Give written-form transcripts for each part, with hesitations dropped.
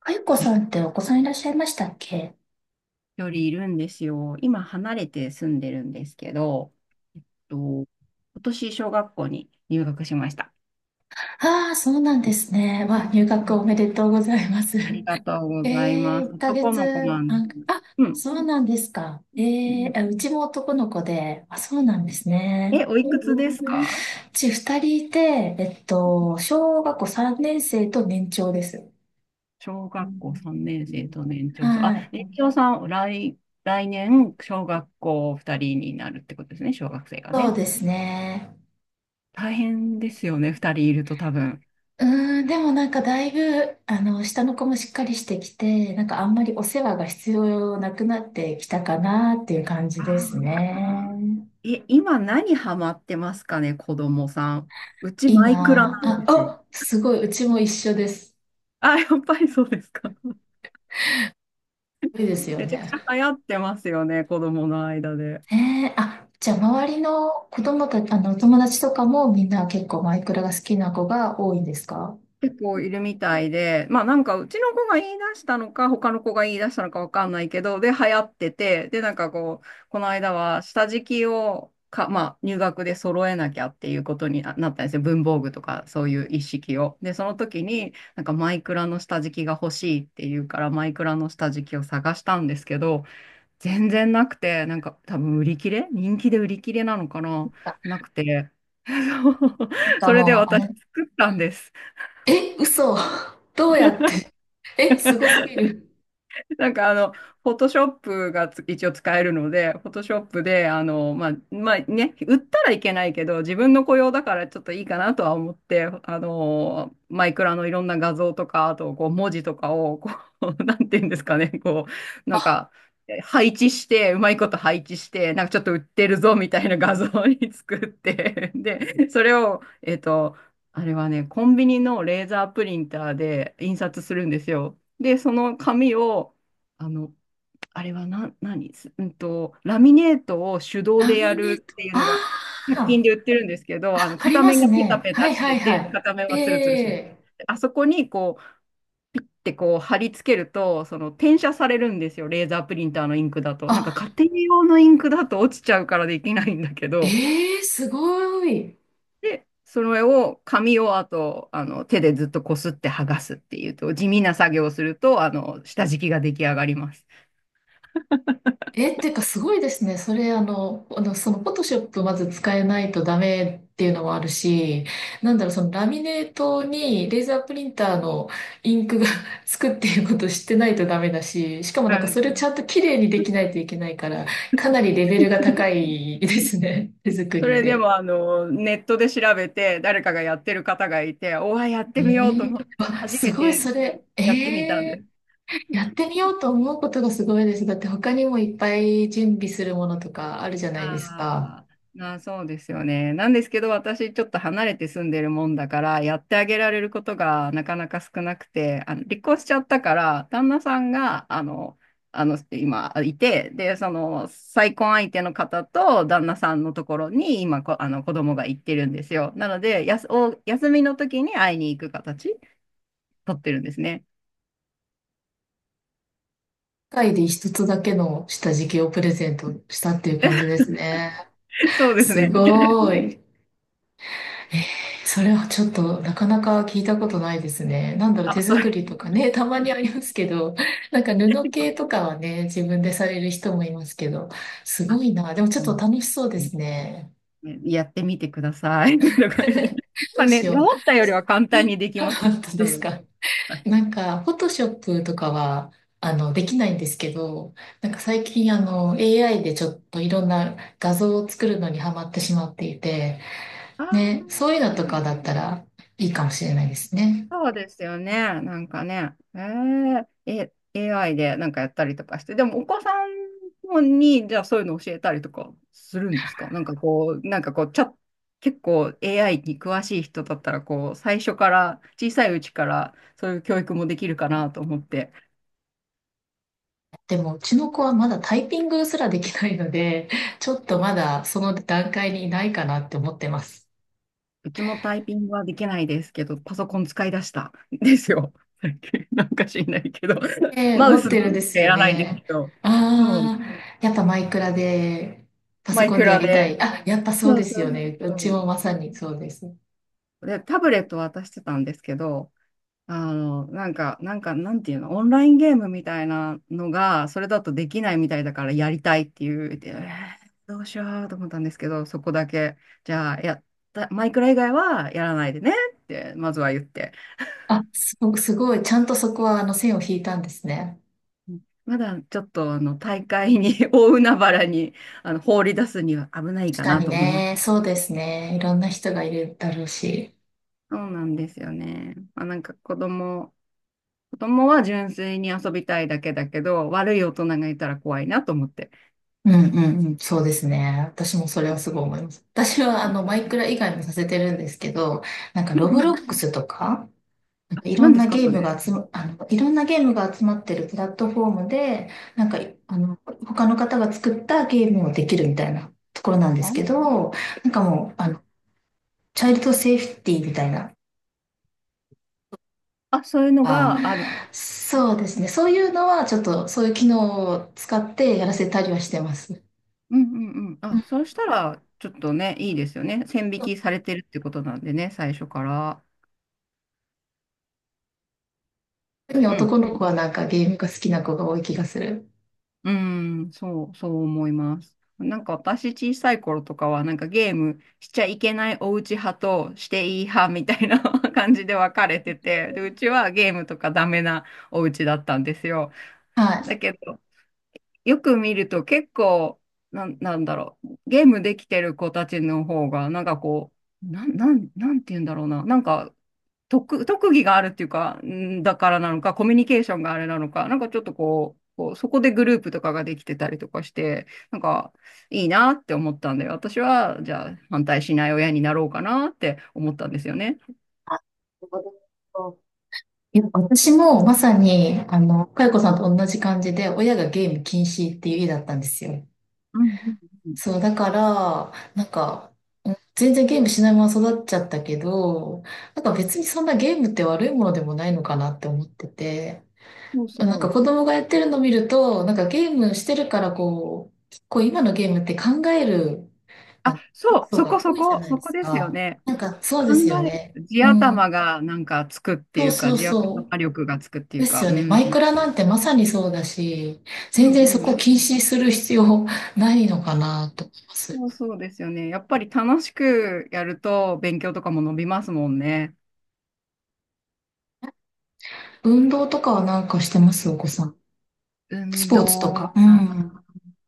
あゆこさんってお子さんいらっしゃいましたっけ？よりいるんですよ。今離れて住んでるんですけど、えっ今年小学校に入学しました。ああー、そうなんですね。うんわ、うん入学うん。おめでとうございます。ありがとう えございえ、ます。1ヶ男の子なん月です。半、あ、うん。そうなんですか。うええ、ん。あ、うちも男の子で、あ、そうなんですね。え、おいくつですか？うち2人いて、小学校3年生と年長です。小学校3年生と年長さん。あ、は年い。長さん、来年、小学校2人になるってことですね、小学生がそうね。ですね。大変ですよね、2人いると多分。でもなんかだいぶ、下の子もしっかりしてきて、なんかあんまりお世話が必要なくなってきたかなっていう感じあですー。ね。え、今何ハマってますかね、子供さん。うちマイクラな今、んあ、ですおよ。あ、すごい、うちも一緒です。あ、やっぱりそうですか。ごいですよめちゃくちね。ゃ流行ってますよね、子供の間で。ねえ、あ、じゃあ周りの子供たち、友達とかもみんな結構マイクラが好きな子が多いんですか？結構いるみたいで、まあなんかうちの子が言い出したのか、他の子が言い出したのかわかんないけど、で、流行ってて、で、なんかこう、この間は下敷きをか、まあ入学で揃えなきゃっていうことにったんですよ。文房具とかそういう一式を。で、その時になんかマイクラの下敷きが欲しいっていうから、マイクラの下敷きを探したんですけど、全然なくて、なんか多分売り切れ、人気で売り切れなのかな、あ、なくて。そう、なんかそれでもう、あ私れ、作ったんです。え、嘘。どうやって？え、すごすぎる。なんかあの、フォトショップが一応使えるので、フォトショップで、あの、まあ、まあね、売ったらいけないけど、自分の雇用だからちょっといいかなとは思って、あの、マイクラのいろんな画像とか、あとこう文字とかを、こう、なんていうんですかね、こう、なんか、配置して、うまいこと配置して、なんかちょっと売ってるぞみたいな画像に作って、で、それを、あれはね、コンビニのレーザープリンターで印刷するんですよ。で、その紙を、あの、あれはな、何すうんと、ラミネートを手動ラでやミネーるト。っていうのあが、100均あ。で売ってるんですけど、ああ、の、あり片ま面すがペタね。ペはタいしはていはて、い。片面はツルツルしてる。ええ、で、あそこにこう、ってこう貼り付けると、その転写されるんですよ、レーザープリンターのインクだと。あ、なんか家庭用のインクだと落ちちゃうからできないんだけど、ええ、すごい。で、それを、紙を、あと、あの、手でずっとこすって剥がすっていうと、地味な作業をすると、あの、下敷きが出来上がります。えーってかすごいですね。それ、フォトショップまず使えないとダメっていうのもあるし、なんだろう、そのラミネートにレーザープリンターのインクが つくっていうことを知ってないとダメだし、しかもなあんかの、それをちゃんと綺麗にできないといけないから、かなりレベルが高いですね。手作そりれでで。もあのネットで調べて誰かがやってる方がいて、おわ、やっえてみようとえ、思ってあ、初すめごい、てそれ。えやってみたんでえ、す。やってみようと思うことがすごいです。だって他にもいっぱい準備するものとかあるじゃないですあか。あ、まあそうですよね。なんですけど私ちょっと離れて住んでるもんだからやってあげられることがなかなか少なくて、あの離婚しちゃったから旦那さんがあの、あの今いて、で、その再婚相手の方と旦那さんのところにあの子供が行ってるんですよ。なので、やす、お、休みの時に会いに行く形。撮ってるんですね。世界で一つだけの下敷きをプレゼントしたっていう感じですね。そうですすね。ごい。えー、それはちょっとなかなか聞いたことないですね。なんだろう、手あ、そ作れ。 りとかね、たまにありますけど、なんか布系と かはね、自分でされる人もいますけど、すあ、ごいな。でもちょっうとん楽しそうですね。ね、やってみてください。とか言って、 どまあうね、しよう。思ったよりは簡単 にできました。本当多です分。か。はい。なんか、フォトショップとかは、できないんですけど、なんか最近、AI でちょっといろんな画像を作るのにハマってしまっていて、あね、ー、そういうのとかだったらいいかもしれないですね。そうですよね。なんかね。AI でなんかやったりとかして。でも、お子さんに、じゃあそういうの教えたりとかするんですか？なんかこう、結構 AI に詳しい人だったら、こう、最初から、小さいうちから、そういう教育もできるかなと思って。でも、うちの子はまだタイピングすらできないので、ちょっとまだその段階にいないかなって思ってます。うちもタイピングはできないですけど、パソコン使い出したん ですよ。最近なんか知んないけど、ええ、マウ持っスしてるんですかやよらないですね。けど、そう、ああ、やっぱマイクラで、パソマイコンクでやラりたい。で。あ、やっぱそうそうですそうよね。うちそもまさにそうです。う。で、タブレット渡してたんですけど、あの、なんか、なんていうの、オンラインゲームみたいなのが、それだとできないみたいだからやりたいっていう、でーどうしようと思ったんですけど、そこだけ、じゃあ、やった、マイクラ以外はやらないでねって、まずは言って。あ、すごく、すごい。ちゃんとそこは、線を引いたんですね。まだちょっとあの大会に 大海原にあの放り出すには危ない確かかなにと思います。ね。そうですね。いろんな人がいるだろうし。そうなんですよね。まあ、なんか子供は純粋に遊びたいだけだけど、悪い大人がいたら怖いなと思って。うんうんうん。そうですね。私もそれはすごい思います。私は、マイクラ以外もさせてるんですけど、なんか、うロブんうロん。ックスとか、何ですか、それ？いろんなゲームが集まってるプラットフォームで、なんか、あの、他の方が作ったゲームをできるみたいなところなんですけあ、ど、なんかもう、チャイルドセーフティーみたいな、あ、そういうのあ、がある。そうですね。そういうのは、ちょっと、そういう機能を使ってやらせたりはしてます。うんうんうん。うあ、ん、そうしたらちょっとね、いいですよね。線引きされてるってことなんでね、最初から。特にうん。男の子はなんかゲームが好きな子が多い気がする。うん、そう、そう思います。なんか私小さい頃とかはなんかゲームしちゃいけないお家派としていい派みたいな 感じで分かれてて、で、うちはゲームとかダメなお家だったんですよ。だはけど、よく見ると結構、なんだろう、ゲームできてる子たちの方が、なんかこう、なんて言うんだろうな、なんか特技があるっていうか、んだからなのか、コミュニケーションがあれなのか、なんかちょっとこう、こうそこでグループとかができてたりとかして、なんかいいなって思ったんで、私はじゃあ反対しない親になろうかなって思ったんですよね。い。いや、私もまさに、かよこさんと同じ感じで、親がゲーム禁止っていう家だったんですよ。うんうんうん。そう、だから、なんか、うん、全然ゲームしないまま育っちゃったけど、なんか別にそんなゲームって悪いものでもないのかなって思ってて、そうなんかそ子う。供がやってるの見ると、なんかゲームしてるからこう、結構今のゲームって考える、ああ、の、要そう、素が多いじゃないそでこすですよか。ね。なんかそう考ですよえね。る、地う頭ん。がなんかつくってそいううそか、う地そう。頭力がつくっていでうすか、ようね。マん。イクラなんてまさにそうだし、う全ん然うそん。こ禁止する必要ないのかなと思います。そうそうですよね。やっぱり楽しくやると勉強とかも伸びますもんね。運動とかはなんかしてますお子さん。ス運ポーツと動。か。うあん。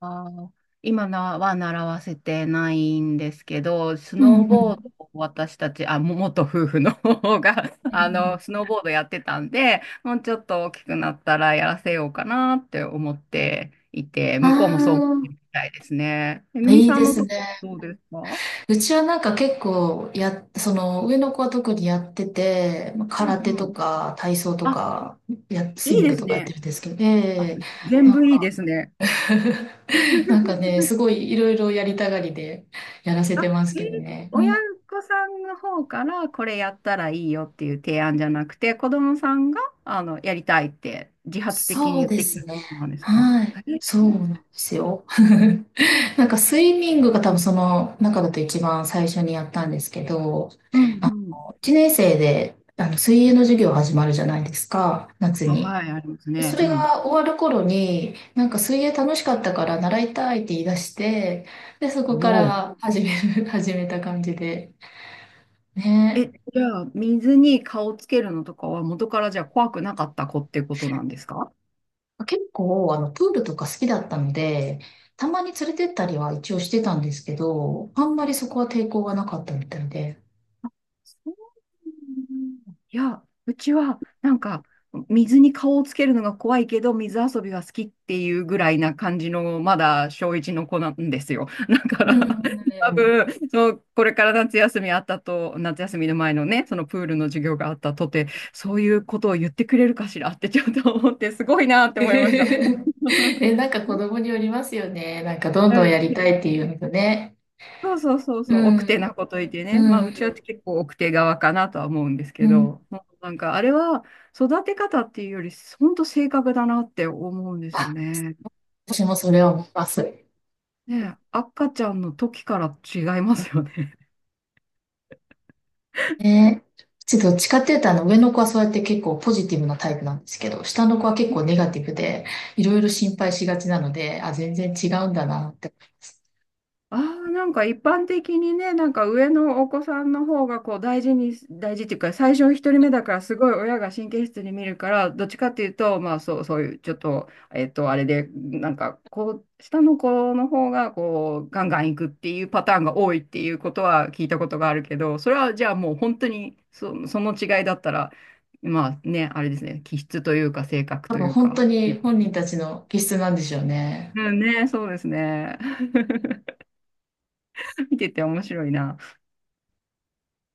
ー、今のは習わせてないんですけど、スうんうノーん。うボーんドを私たち、あ、も元夫婦の方が、うあの、ん。スノーボードやってたんで、もうちょっと大きくなったらやらせようかなって思っていて、あ向こうもそう思ってるみたいですね。めぐあ、みいいさでんのすとこね。ろはどうですか？うちはなんか結構や、その上の子は特にやってて、まあう空手んうとん。か体操とあ、か、や、いスイいミングですとかやってね。るんですけど、あ、ええ、全なん部いいか、ですね。なんかね、すごいいろいろやりたがりでやらせあ、てますえー、けどね。う親ん、御さんの方からこれやったらいいよっていう提案じゃなくて、子供さんがあのやりたいって自発的にそう言っでてきすたこね。となんですか？はい。え、そうなんですよ。なんかスイミングが多分その中だと一番最初にやったんですけど、うんあうん。1年生であの水泳の授業始まるじゃないですか、夏あ、に。はい、ありますそね。うれん。が終わる頃に、なんか水泳楽しかったから習いたいって言い出して、で、そこかおお。ら始める、始めた感じで。ね。え、じゃあ、水に顔つけるのとかは元からじゃあ怖くなかった子ってことなんですか？結構、プールとか好きだったので、たまに連れてったりは一応してたんですけど、あんまりそこは抵抗がなかったみたいで。いや、うちはなんか水に顔をつけるのが怖いけど、水遊びは好きっていうぐらいな感じの、まだ小一の子なんですよ。だかうら、多ん。分、そう、これから夏休みあったと、夏休みの前のね、そのプールの授業があったとて、そういうことを言ってくれるかしらってちょっと思って、すごいなっ て思いました。え、なんか子供によりますよね。なんかどんうどんやん、りたいっていうのとね。そうそうそううそう、奥手ん。なこと言ってうね。まあ、ん。うちは結構奥手側かなとは思うんですうけん。ど、もうなんかあれは育て方っていうより、本当性格だなって思うんですよあ、ね。私もそれを思います。ねえ、赤ちゃんの時から違いますよね。ねえ、ちょっとどっちかっていうと、上の子はそうやって結構ポジティブなタイプなんですけど、下の子は結構ネガティブで、いろいろ心配しがちなので、あ、全然違うんだなって思います。ああ、なんか一般的にね、なんか上のお子さんの方がこう大事に、大事っていうか、最初一人目だからすごい親が神経質に見るから、どっちかっていうと、まあそう、そういうちょっと、あれで、なんかこう、下の子の方がこう、ガンガンいくっていうパターンが多いっていうことは聞いたことがあるけど、それはじゃあもう本当にその違いだったら、まあね、あれですね、気質というか性格多とい分う本当か。に本人たちの気質なんでしょうね。うんね、そうですね。見てて面白いな。